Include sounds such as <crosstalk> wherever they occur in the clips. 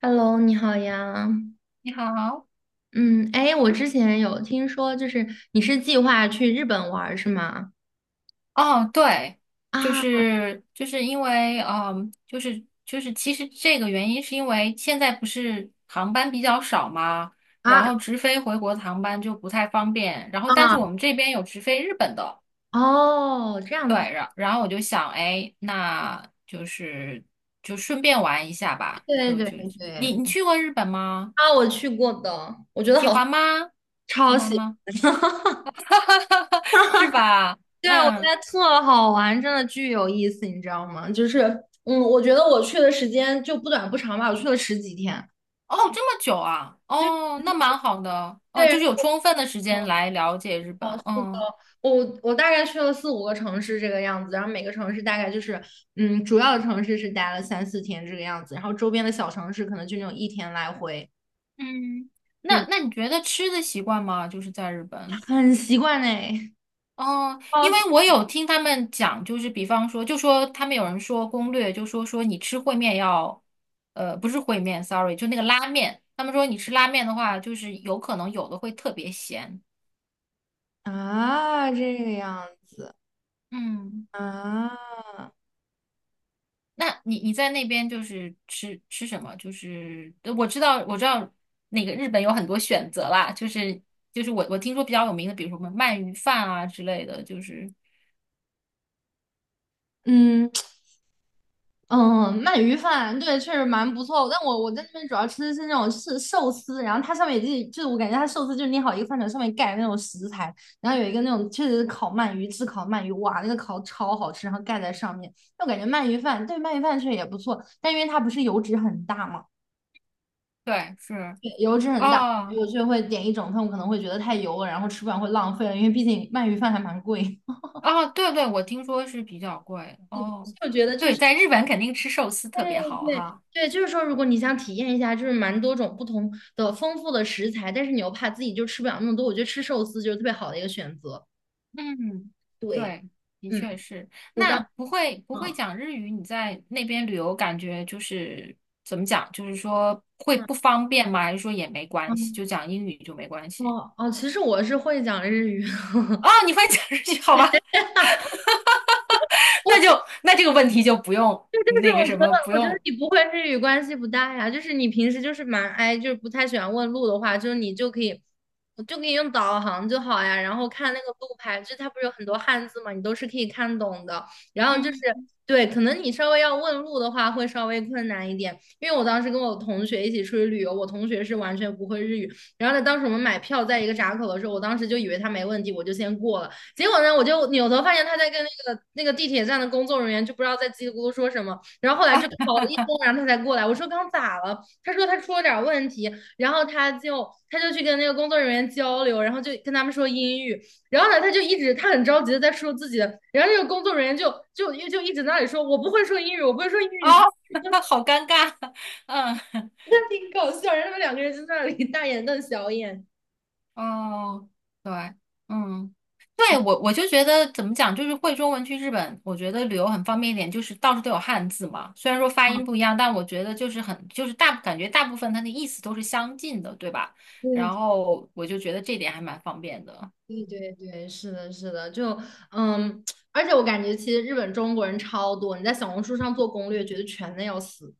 Hello，你好呀。你好，嗯，哎，我之前有听说，就是你是计划去日本玩儿是吗？哦，对，就啊是就是因为，就是其实这个原因是因为现在不是航班比较少嘛，然啊后直飞回国的航班就不太方便，然后但是啊！我们这边有直飞日本的，哦，这样对，子，然后我就想，哎，那就是就顺便玩一下吧。对对对你对。你去过日本吗？啊，我去过的，我觉得喜好，欢吗？<laughs> 喜超欢喜吗？欢。<laughs> <laughs> 是吧？对，我觉嗯。得特好玩，真的巨有意思，你知道吗？就是，嗯，我觉得我去的时间就不短不长吧，我去了十几天。哦，这么久啊？对哦，那蛮好的，哦，对，就是有充分的时间来了解日本。哦，是的，嗯我大概去了四五个城市这个样子，然后每个城市大概就是，嗯，主要的城市是待了三四天这个样子，然后周边的小城市可能就那种一天来回，嗯，那对，那你觉得吃的习惯吗？就是在日本。很习惯呢。哦，哦，因为我有听他们讲，就是比方说，就说他们有人说攻略，就说说你吃烩面要，不是烩面，sorry，就那个拉面。他们说你吃拉面的话，就是有可能有的会特别咸。啊，这个样子嗯。啊，那你在那边就是吃什么？就是我知道那个日本有很多选择啦，就是就是我听说比较有名的，比如说什么鳗鱼饭啊之类的，就是嗯。嗯，鳗鱼饭对，确实蛮不错。但我在那边主要吃的是那种是寿司，然后它上面也就是我感觉它寿司就是捏好一个饭团上面盖那种食材，然后有一个那种确实是烤鳗鱼，炙烤鳗鱼，哇，那个烤超好吃，然后盖在上面。但我感觉鳗鱼饭对鳗鱼饭确实也不错，但因为它不是油脂很大嘛，对是对，油脂很大，哦我就会点一整份，我可能会觉得太油了，然后吃不完会浪费了，因为毕竟鳗鱼饭还蛮贵。哦对对，我听说是比较贵哦，<laughs> 我觉得这对，是。在日本肯定吃寿司特别对好对哈。对，就是说，如果你想体验一下，就是蛮多种不同的丰富的食材，但是你又怕自己就吃不了那么多，我觉得吃寿司就是特别好的一个选择。嗯，对，对，的嗯，确是。我当，那不会嗯讲日语，你在那边旅游，感觉就是怎么讲？就是说会嗯，不方便吗？还是说也没关系，嗯，就讲英语就没关系？哦哦，其实我是会讲日语。<laughs> 哦，你会讲日语，<laughs> 好吧？<laughs> 那就那这个问题就不用这就是那个我觉什得，么，不我觉得用。你不会日语关系不大呀。就是你平时就是蛮爱，就是不太喜欢问路的话，就是你就可以，就可以用导航就好呀。然后看那个路牌，就它不是有很多汉字嘛，你都是可以看懂的。然后就是嗯。对，可能你稍微要问路的话会稍微困难一点，因为我当时跟我同学一起出去旅游，我同学是完全不会日语。然后呢，当时我们买票在一个闸口的时候，我当时就以为他没问题，我就先过了。结果呢，我就扭头发现他在跟那个地铁站的工作人员就不知道在叽里咕噜说什么，然后后来就搞了一通，然后他才过来。我说刚咋了？他说他出了点问题，然后他就去跟那个工作人员交流，然后就跟他们说英语，然后呢，他就一直他很着急的在说自己的，然后那个工作人员就一直在那里说我不会说英语，我不会说英哦，语，<laughs> 好尴尬。<laughs> 嗯 <laughs> 那挺搞笑。然后他们两个人就在那里大眼瞪小眼。哦，对，嗯，对，我就觉得怎么讲，就是会中文去日本，我觉得旅游很方便一点，就是到处都有汉字嘛。虽然说发啊，音不一样，但我觉得就是很，就是大，感觉大部分它的意思都是相近的，对吧？然对后我就觉得这点还蛮方便的。对对对，是的，是的，就嗯，而且我感觉其实日本中国人超多，你在小红书上做攻略，觉得全的要死。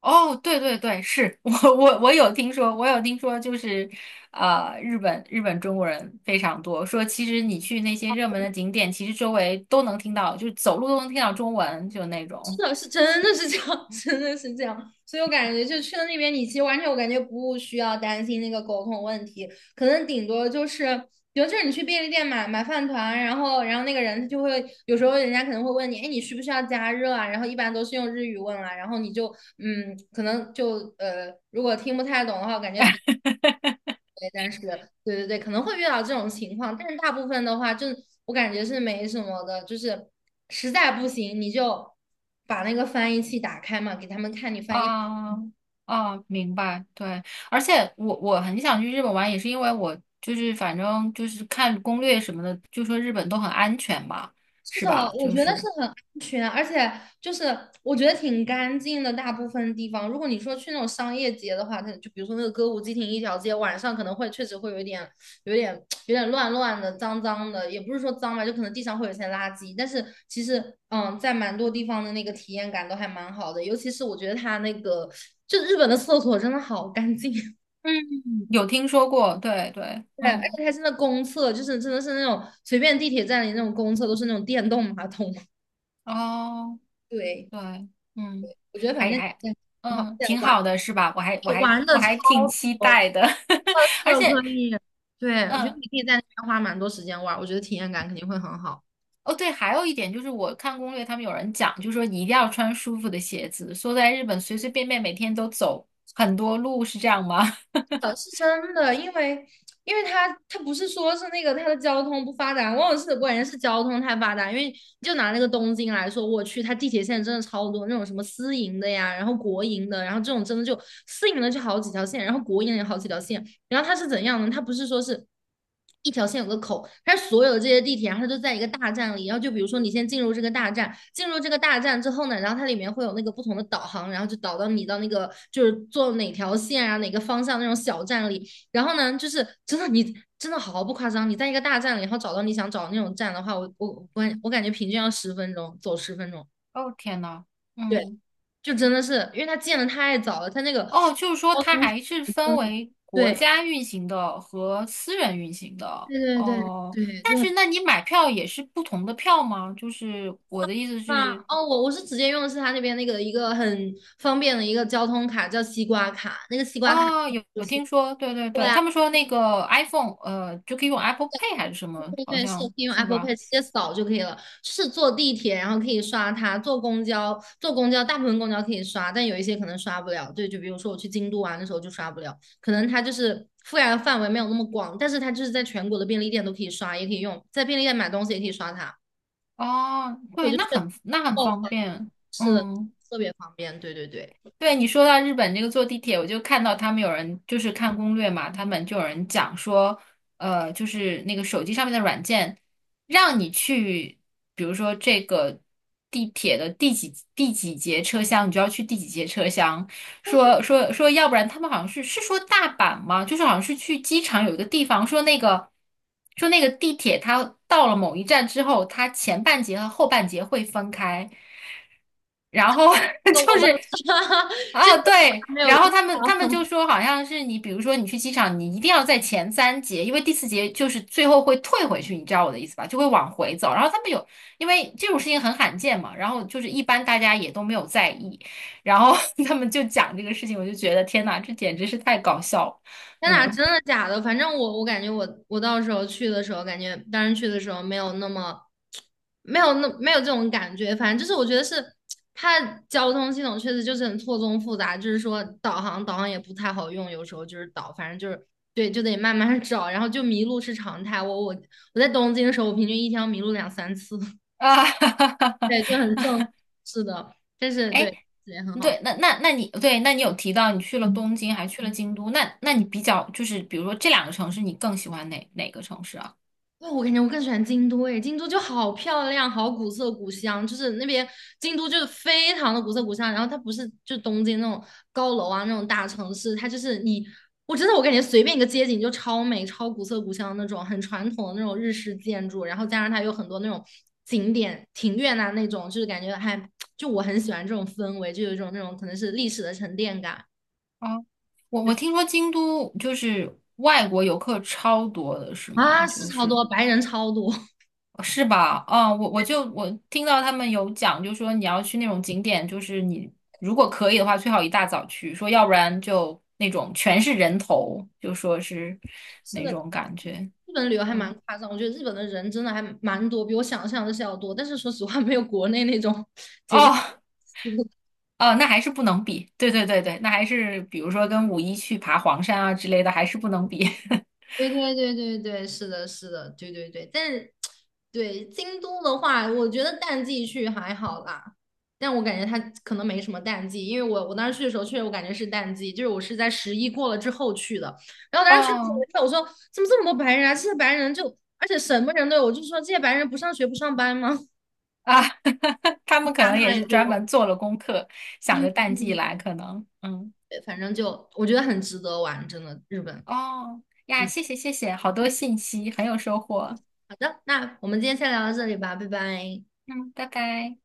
哦，对对对，是 <laughs> 我有听说，我有听说，就是日本中国人非常多，说其实你去那些热门的景点，其实周围都能听到，就是走路都能听到中文，就那种。是的，是真的是这样，<laughs> 真的是这样。所以我感觉就去了那边，你其实完全我感觉不需要担心那个沟通问题，可能顶多就是，比如就是你去便利店买饭团，然后那个人他就会有时候人家可能会问你，哎，你需不需要加热啊？然后一般都是用日语问啊，然后你就嗯，可能就,如果听不太懂的话，我感觉比。对但是对对对，可能会遇到这种情况，但是大部分的话，就我感觉是没什么的，就是实在不行你就把那个翻译器打开嘛，给他们看你翻译。啊啊，明白，对，而且我很想去日本玩，也是因为我就是反正就是看攻略什么的，就说日本都很安全嘛，是是的，吧？我就觉得是是很安全，而且就是我觉得挺干净的。大部分地方，如果你说去那种商业街的话，它就比如说那个歌舞伎町一条街，晚上可能会确实会有一点、有点、有点乱乱的、脏脏的，也不是说脏吧，就可能地上会有一些垃圾。但是其实，嗯，在蛮多地方的那个体验感都还蛮好的，尤其是我觉得它那个，就日本的厕所真的好干净，<laughs> 嗯，有听说过，对对，对，而嗯，且它真的公厕，就是真的是那种随便地铁站里那种公厕都是那种电动马桶，哦，<laughs> 对。对，嗯，我觉得反还正还也很好，嗯，对，挺玩好的，是吧？我还我还玩我的超还挺期多，待的，特 <laughs> 而色且。可以。对，我觉得嗯。你可以在那边花蛮多时间玩，我觉得体验感肯定会很好。哦，对，还有一点就是，我看攻略，他们有人讲，就是说你一定要穿舒服的鞋子。说在日本随随便便每天都走很多路，是这样吗？<laughs> 是真的，因为因为它它不是说是那个它的交通不发达，往往是关键是交通太发达，因为就拿那个东京来说，我去它地铁线真的超多，那种什么私营的呀，然后国营的，然后这种真的就私营的就好几条线，然后国营的有好几条线，然后它是怎样呢？它不是说是一条线有个口，它是所有的这些地铁，然后它都在一个大站里。然后就比如说你先进入这个大站，进入这个大站之后呢，然后它里面会有那个不同的导航，然后就导到你到那个就是坐哪条线啊，哪个方向那种小站里。然后呢，就是真的你真的毫不夸张，你在一个大站里，然后找到你想找的那种站的话，我感觉平均要10分钟,走10分钟。哦，天呐，对，嗯，就真的是因为它建的太早了，它那个哦，就是说交它通还是分真的为国对家运行的和私人运行的。对对对哦，对，但就是很。那你买票也是不同的票吗？就是我的意思啊，是，哦，我是直接用的是他那边那个一个很方便的一个交通卡，叫西瓜卡。那个西瓜卡哦，有就有是听说，对对对对，啊，他们说那个 iPhone，就可以用 Apple Pay 还是什么，对好对，是可像以用 是 Apple 吧？Pay 直接扫就可以了。就是坐地铁，然后可以刷它；坐公交，坐公交大部分公交可以刷，但有一些可能刷不了。对，就比如说我去京都玩的时候就刷不了，可能它就是覆盖的范围没有那么广，但是它就是在全国的便利店都可以刷，也可以用，在便利店买东西也可以刷它。哦，我对，就觉那得很那很哦方便，嗯。特别方便。对对对。对你说到日本这个坐地铁，我就看到他们有人就是看攻略嘛，他们就有人讲说，就是那个手机上面的软件，让你去，比如说这个地铁的第几节车厢，你就要去第几节车厢。说说说，要不然他们好像是说大阪吗？就是好像是去机场有一个地方，说那个地铁它到了某一站之后，它前半节和后半节会分开。然后 <laughs> 我就倒是是 <laughs>，这啊，个我对，还没有用然后他们啊！就说，好像是你，比如说你去机场，你一定要在前三节，因为第四节就是最后会退回去，你知道我的意思吧？就会往回走。然后他们有，因为这种事情很罕见嘛，然后就是一般大家也都没有在意，然后 <laughs> 他们就讲这个事情，我就觉得天哪，这简直是太搞笑了，天呐，嗯真的假的？反正我感觉我到时候去的时候，感觉当时去的时候没有那么没有这种感觉。反正就是我觉得是它的交通系统确实就是很错综复杂，就是说导航也不太好用，有时候就是导，反正就是对，就得慢慢找，然后就迷路是常态。我在东京的时候，我平均一天要迷路2、3次，<laughs> 啊，对，就很正，是的，但 <laughs> 是哎对也很对，好。那你有提到你去了东京，还去了京都，那你比较就是，比如说这两个城市，你更喜欢哪个城市啊？那我感觉我更喜欢京都诶，京都就好漂亮，好古色古香，就是那边京都就是非常的古色古香。然后它不是就东京那种高楼啊那种大城市，它就是你，我真的我感觉随便一个街景就超美、超古色古香那种，很传统的那种日式建筑，然后加上它有很多那种景点、庭院啊那种，就是感觉还就我很喜欢这种氛围，就有一种那种可能是历史的沉淀感啊，我听说京都就是外国游客超多的，是吗？啊，是就超是多白人超多，<laughs> 是吧？啊，对，我听到他们有讲，就说你要去那种景点，就是你如果可以的话，最好一大早去，说要不然就那种全是人头，就说是是那的，种感觉。日本旅游还蛮嗯，夸张，我觉得日本的人真的还蛮多，比我想象的是要多。但是说实话，没有国内那种 <laughs> 节假。哦，哦，那还是不能比。对对对对，那还是比如说跟五一去爬黄山啊之类的，还是不能比。<laughs> 对对对对对，是的，是的，对对对。但是，对京都的话，我觉得淡季去还好啦。但我感觉它可能没什么淡季，因为我当时去的时候，确实我感觉是淡季，就是我是在十一过了之后去的。然后当时去的哦时候，我就说，我说怎么这么多白人啊？这些白人就，而且什么人都有，我就说这些白人不上学不上班吗？啊，<laughs> 他 <laughs> 们可差能也太是专多了。门做了功课，想对着淡季对来，可能。嗯。对，反正就我觉得很值得玩，真的，日本。哦呀，嗯，谢谢谢谢，好多信息，很有收获。好的，那我们今天先聊到这里吧，拜拜。嗯，拜拜。